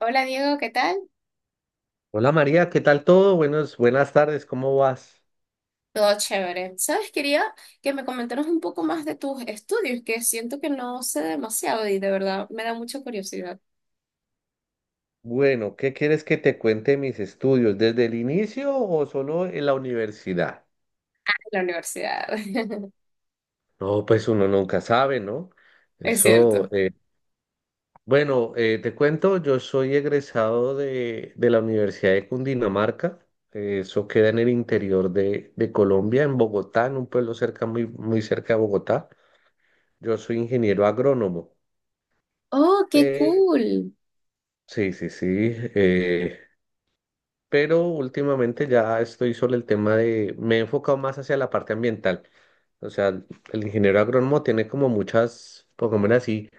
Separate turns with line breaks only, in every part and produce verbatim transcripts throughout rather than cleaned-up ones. Hola Diego, ¿qué tal?
Hola María, ¿qué tal todo? Buenos, buenas tardes, ¿cómo vas?
Todo chévere. ¿Sabes? Quería que me comentaras un poco más de tus estudios, que siento que no sé demasiado y de verdad me da mucha curiosidad
Bueno, ¿qué quieres que te cuente mis estudios? ¿Desde el inicio o solo en la universidad?
la universidad.
No, pues uno nunca sabe, ¿no?
Es
Eso,
cierto.
eh, bueno, eh, te cuento, yo soy egresado de, de la Universidad de Cundinamarca, eh, eso queda en el interior de, de Colombia, en Bogotá, en un pueblo cerca, muy, muy cerca de Bogotá. Yo soy ingeniero agrónomo.
Oh, qué
Eh,
cool.
sí, sí, sí. Eh, pero últimamente ya estoy sobre el tema de, me he enfocado más hacia la parte ambiental. O sea, el ingeniero agrónomo tiene como muchas, pongámoslo así,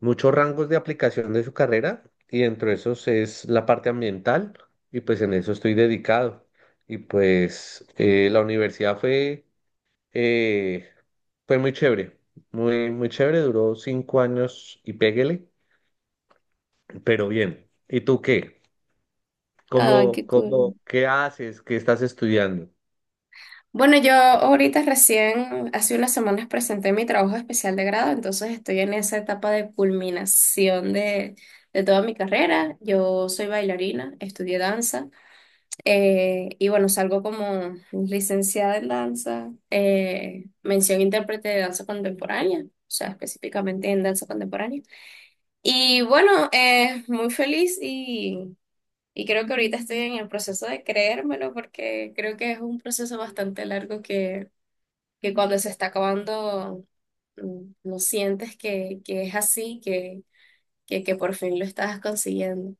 muchos rangos de aplicación de su carrera y dentro de esos es la parte ambiental y pues en eso estoy dedicado. Y pues eh, la universidad fue, eh, fue muy chévere, muy, muy chévere, duró cinco años y péguele, pero bien. ¿Y tú qué?
Ah,
¿Cómo,
qué
cómo,
cool.
qué haces? ¿Qué estás estudiando?
Bueno, yo ahorita recién, hace unas semanas presenté mi trabajo especial de grado, entonces estoy en esa etapa de culminación de, de toda mi carrera. Yo soy bailarina, estudié danza. Eh, y bueno, salgo como licenciada en danza, eh, mención intérprete de danza contemporánea, o sea, específicamente en danza contemporánea. Y bueno, eh, muy feliz y, y creo que ahorita estoy en el proceso de creérmelo porque creo que es un proceso bastante largo que, que cuando se está acabando mm, no sientes que, que es así, que, que, que por fin lo estás consiguiendo.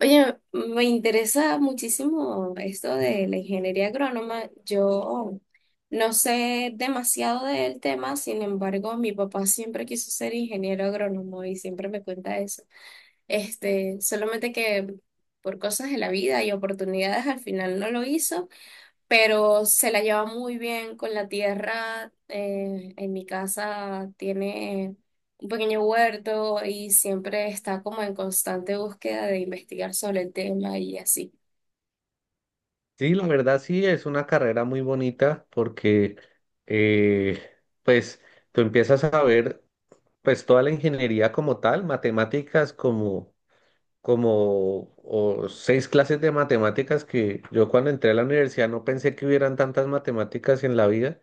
Oye, me interesa muchísimo esto de la ingeniería agrónoma. Yo no sé demasiado del tema, sin embargo, mi papá siempre quiso ser ingeniero agrónomo y siempre me cuenta eso. Este, solamente que por cosas de la vida y oportunidades al final no lo hizo, pero se la lleva muy bien con la tierra. Eh, en mi casa tiene un pequeño huerto y siempre está como en constante búsqueda de investigar sobre el tema y así.
Sí, la verdad sí, es una carrera muy bonita porque eh, pues tú empiezas a ver pues toda la ingeniería como tal, matemáticas como, como o seis clases de matemáticas que yo cuando entré a la universidad no pensé que hubieran tantas matemáticas en la vida.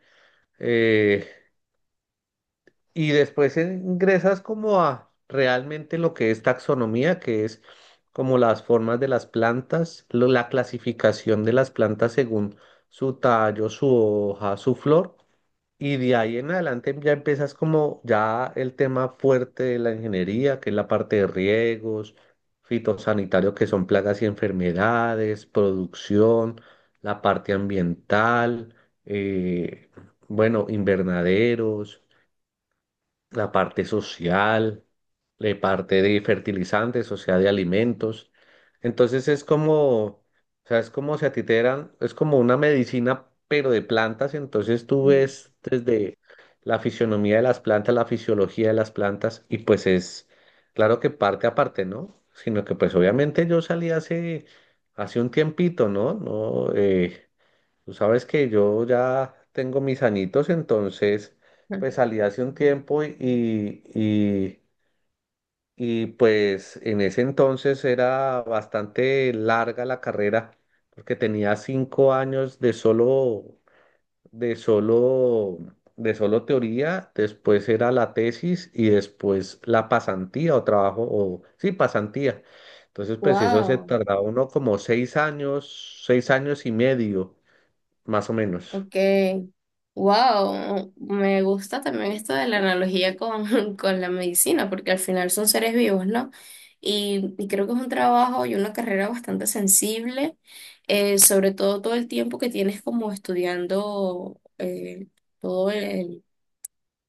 Eh, y después ingresas como a realmente lo que es taxonomía, que es como las formas de las plantas, lo- la clasificación de las plantas según su tallo, su hoja, su flor. Y de ahí en adelante ya empiezas como ya el tema fuerte de la ingeniería, que es la parte de riegos, fitosanitario, que son plagas y enfermedades, producción, la parte ambiental, eh, bueno, invernaderos, la parte social, la parte de fertilizantes, o sea, de alimentos. Entonces es como, o sea, es como si a ti te dieran, es como una medicina, pero de plantas. Entonces tú ves desde la fisionomía de las plantas, la fisiología de las plantas, y pues es, claro que parte a parte, ¿no? Sino que pues obviamente yo salí hace, hace un tiempito, ¿no? No. Eh, Tú sabes que yo ya tengo mis añitos, entonces pues salí hace un tiempo y, y, y pues en ese entonces era bastante larga la carrera, porque tenía cinco años de solo, de solo, de solo teoría, después era la tesis y después la pasantía o trabajo, o sí, pasantía. Entonces pues eso se
Wow.
tardaba uno como seis años, seis años y medio, más o menos.
Ok, wow, me gusta también esto de la analogía con, con la medicina, porque al final son seres vivos, ¿no? Y, y creo que es un trabajo y una carrera bastante sensible, eh, sobre todo todo el tiempo que tienes como estudiando eh, todo el,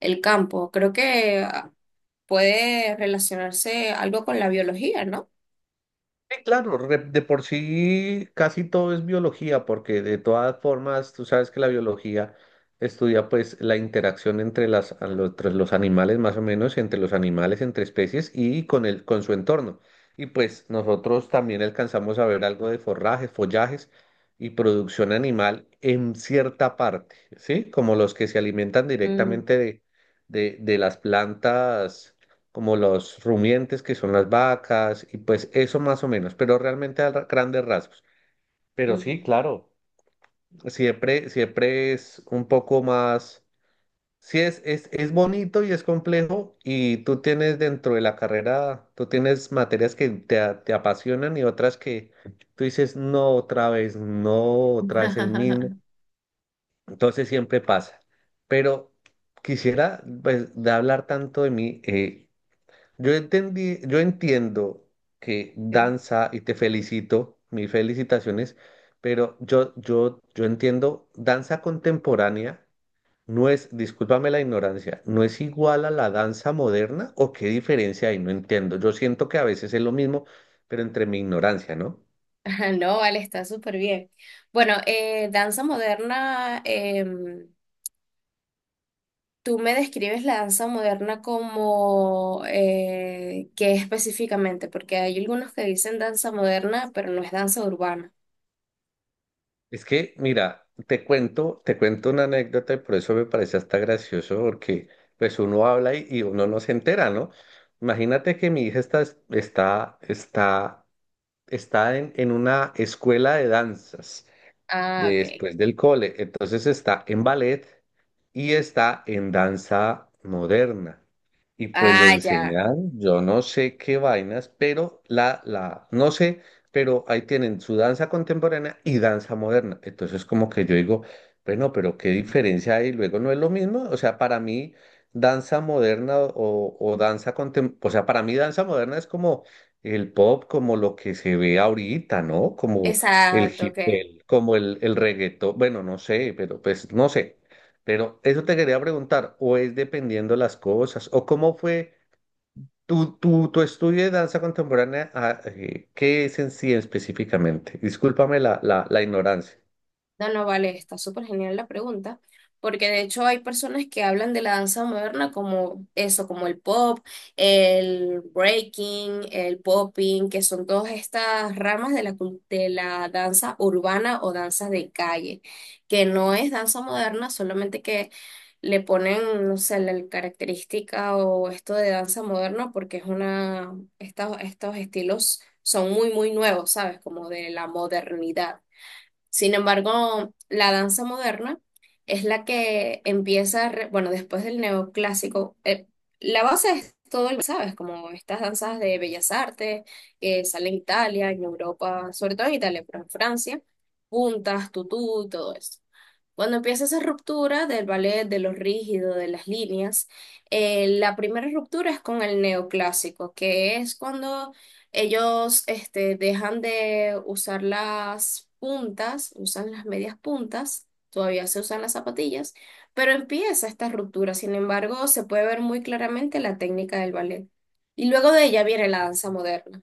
el campo. Creo que ah, puede relacionarse algo con la biología, ¿no?
Sí, claro, re- de por sí casi todo es biología, porque de todas formas tú sabes que la biología estudia pues la interacción entre las, a lo- entre los animales más o menos, entre los animales, entre especies y con el, con su entorno. Y pues nosotros también alcanzamos a ver algo de forrajes, follajes y producción animal en cierta parte, ¿sí? Como los que se alimentan
Mm,
directamente de, de, de las plantas como los rumiantes que son las vacas, y pues eso más o menos, pero realmente a ra- grandes rasgos. Pero sí, claro, siempre, siempre es un poco más, sí es, es, es bonito y es complejo, y tú tienes dentro de la carrera, tú tienes materias que te, a- te apasionan y otras que tú dices, no, otra vez, no, otra vez el mismo.
mm.
Entonces siempre pasa. Pero quisiera, pues, de hablar tanto de mí, eh, Yo entendí, yo entiendo que danza y te felicito, mis felicitaciones, pero yo, yo, yo entiendo danza contemporánea no es, discúlpame la ignorancia, no es igual a la danza moderna o qué diferencia hay, no entiendo. Yo siento que a veces es lo mismo, pero entre mi ignorancia, ¿no?
Ajá. No, vale, está súper bien. Bueno, eh, danza moderna, em, tú me describes la danza moderna como eh, ¿qué específicamente? Porque hay algunos que dicen danza moderna, pero no es danza urbana.
Es que, mira, te cuento, te cuento una anécdota y por eso me parece hasta gracioso, porque pues uno habla y, y uno no se entera, ¿no? Imagínate que mi hija está, está, está, está en, en una escuela de danzas
Ah, ok.
después del cole. Entonces está en ballet y está en danza moderna. Y pues le
Ah, ya.
enseñan, yo no sé qué vainas, pero la, la, no sé, pero ahí tienen su danza contemporánea y danza moderna. Entonces como que yo digo, bueno, pero qué diferencia hay, luego no es lo mismo. O sea, para mí danza moderna o, o danza contemporánea, o sea, para mí danza moderna es como el pop, como lo que se ve ahorita, ¿no? Como el
Exacto,
hip,
ok.
el- como el, el reggaetón, bueno, no sé, pero pues no sé. Pero eso te quería preguntar, o es dependiendo las cosas, o cómo fue tu, tu, tu estudio de danza contemporánea, ah, eh, ¿qué es en sí específicamente? Discúlpame la, la, la ignorancia.
No, no, vale, está súper genial la pregunta, porque de hecho hay personas que hablan de la danza moderna como eso, como el pop, el breaking, el popping, que son todas estas ramas de la, cul- de la danza urbana o danza de calle, que no es danza moderna, solamente que le ponen, no sé, la característica o esto de danza moderna, porque es una, estos, estos estilos son muy, muy nuevos, ¿sabes? Como de la modernidad. Sin embargo, la danza moderna es la que empieza, re- bueno, después del neoclásico, eh, la base es todo, el- ¿sabes? Como estas danzas de bellas artes que salen en Italia, en Europa, sobre todo en Italia, pero en Francia, puntas, tutú y todo eso. Cuando empieza esa ruptura del ballet, de lo rígido, de las líneas, eh, la primera ruptura es con el neoclásico, que es cuando ellos este, dejan de usar las puntas, usan las medias puntas, todavía se usan las zapatillas, pero empieza esta ruptura. Sin embargo, se puede ver muy claramente la técnica del ballet. Y luego de ella viene la danza moderna.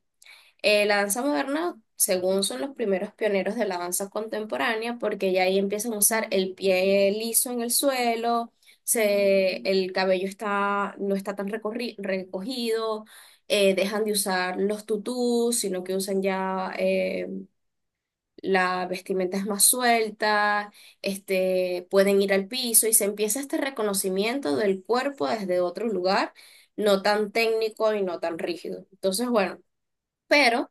Eh, la danza moderna, según son los primeros pioneros de la danza contemporánea, porque ya ahí empiezan a usar el pie liso en el suelo, se, el cabello está, no está tan recorri- recogido, eh, dejan de usar los tutús, sino que usan ya eh, la vestimenta es más suelta, este, pueden ir al piso y se empieza este reconocimiento del cuerpo desde otro lugar, no tan técnico y no tan rígido. Entonces, bueno. Pero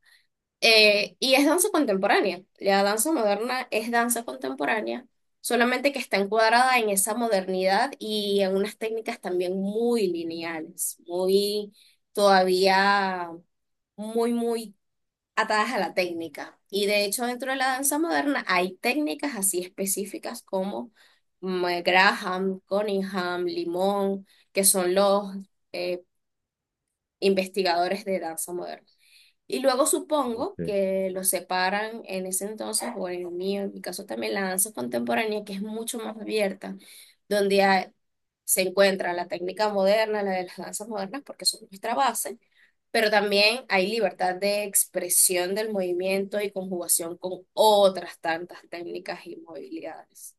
eh, y es danza contemporánea. La danza moderna es danza contemporánea, solamente que está encuadrada en esa modernidad y en unas técnicas también muy lineales, muy todavía muy, muy atadas a la técnica. Y de hecho, dentro de la danza moderna hay técnicas así específicas como mm, eh, Graham, Cunningham, Limón, que son los eh, investigadores de danza moderna. Y luego supongo
Ok.
que los separan en ese entonces, o en el mío, en mi caso también, la danza contemporánea, que es mucho más abierta, donde hay- se encuentra la técnica moderna, la de las danzas modernas, porque son nuestra base, pero también hay libertad de expresión del movimiento y conjugación con otras tantas técnicas y movilidades.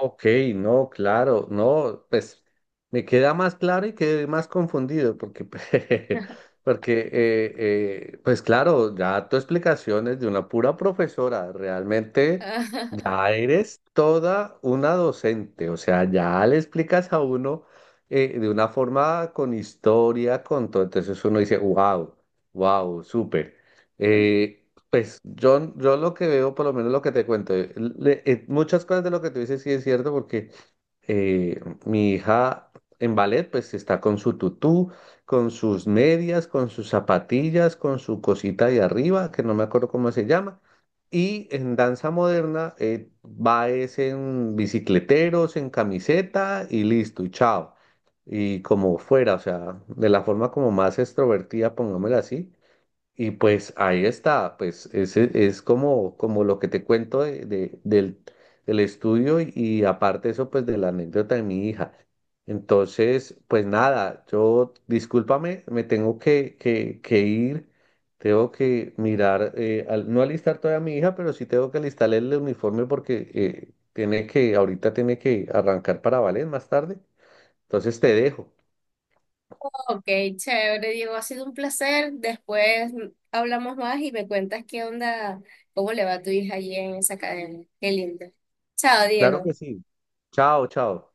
Ok, no, claro, no, pues me queda más claro y quedé más confundido porque, porque eh, eh, pues claro, ya tu explicación es de una pura profesora, realmente ya eres toda una docente, o sea, ya le explicas a uno eh, de una forma con historia, con todo. Entonces uno dice, wow, wow, súper. Eh, pues yo, yo lo que veo, por lo menos lo que te cuento, eh, le- eh, muchas cosas de lo que tú dices sí es cierto, porque eh, mi hija en ballet pues está con su tutú, con sus medias, con sus zapatillas, con su cosita de arriba, que no me acuerdo cómo se llama. Y en danza moderna eh, va es en bicicleteros, en camiseta y listo, y chao. Y como fuera, o sea, de la forma como más extrovertida, pongámosla así. Y pues ahí está, pues ese es como, como lo que te cuento de, de- del, del estudio y, y aparte eso pues de la anécdota de mi hija. Entonces, pues nada, yo discúlpame, me tengo que, que, que ir, tengo que mirar, eh, al- no alistar todavía a mi hija, pero sí tengo que alistarle el uniforme porque eh, tiene que, ahorita tiene que arrancar para Valen más tarde. Entonces te dejo.
Ok, chévere, Diego, ha sido un placer. Después hablamos más y me cuentas qué onda, cómo le va a tu hija allí en esa academia. Qué lindo. Chao,
Claro
Diego.
que sí. Chao, chao.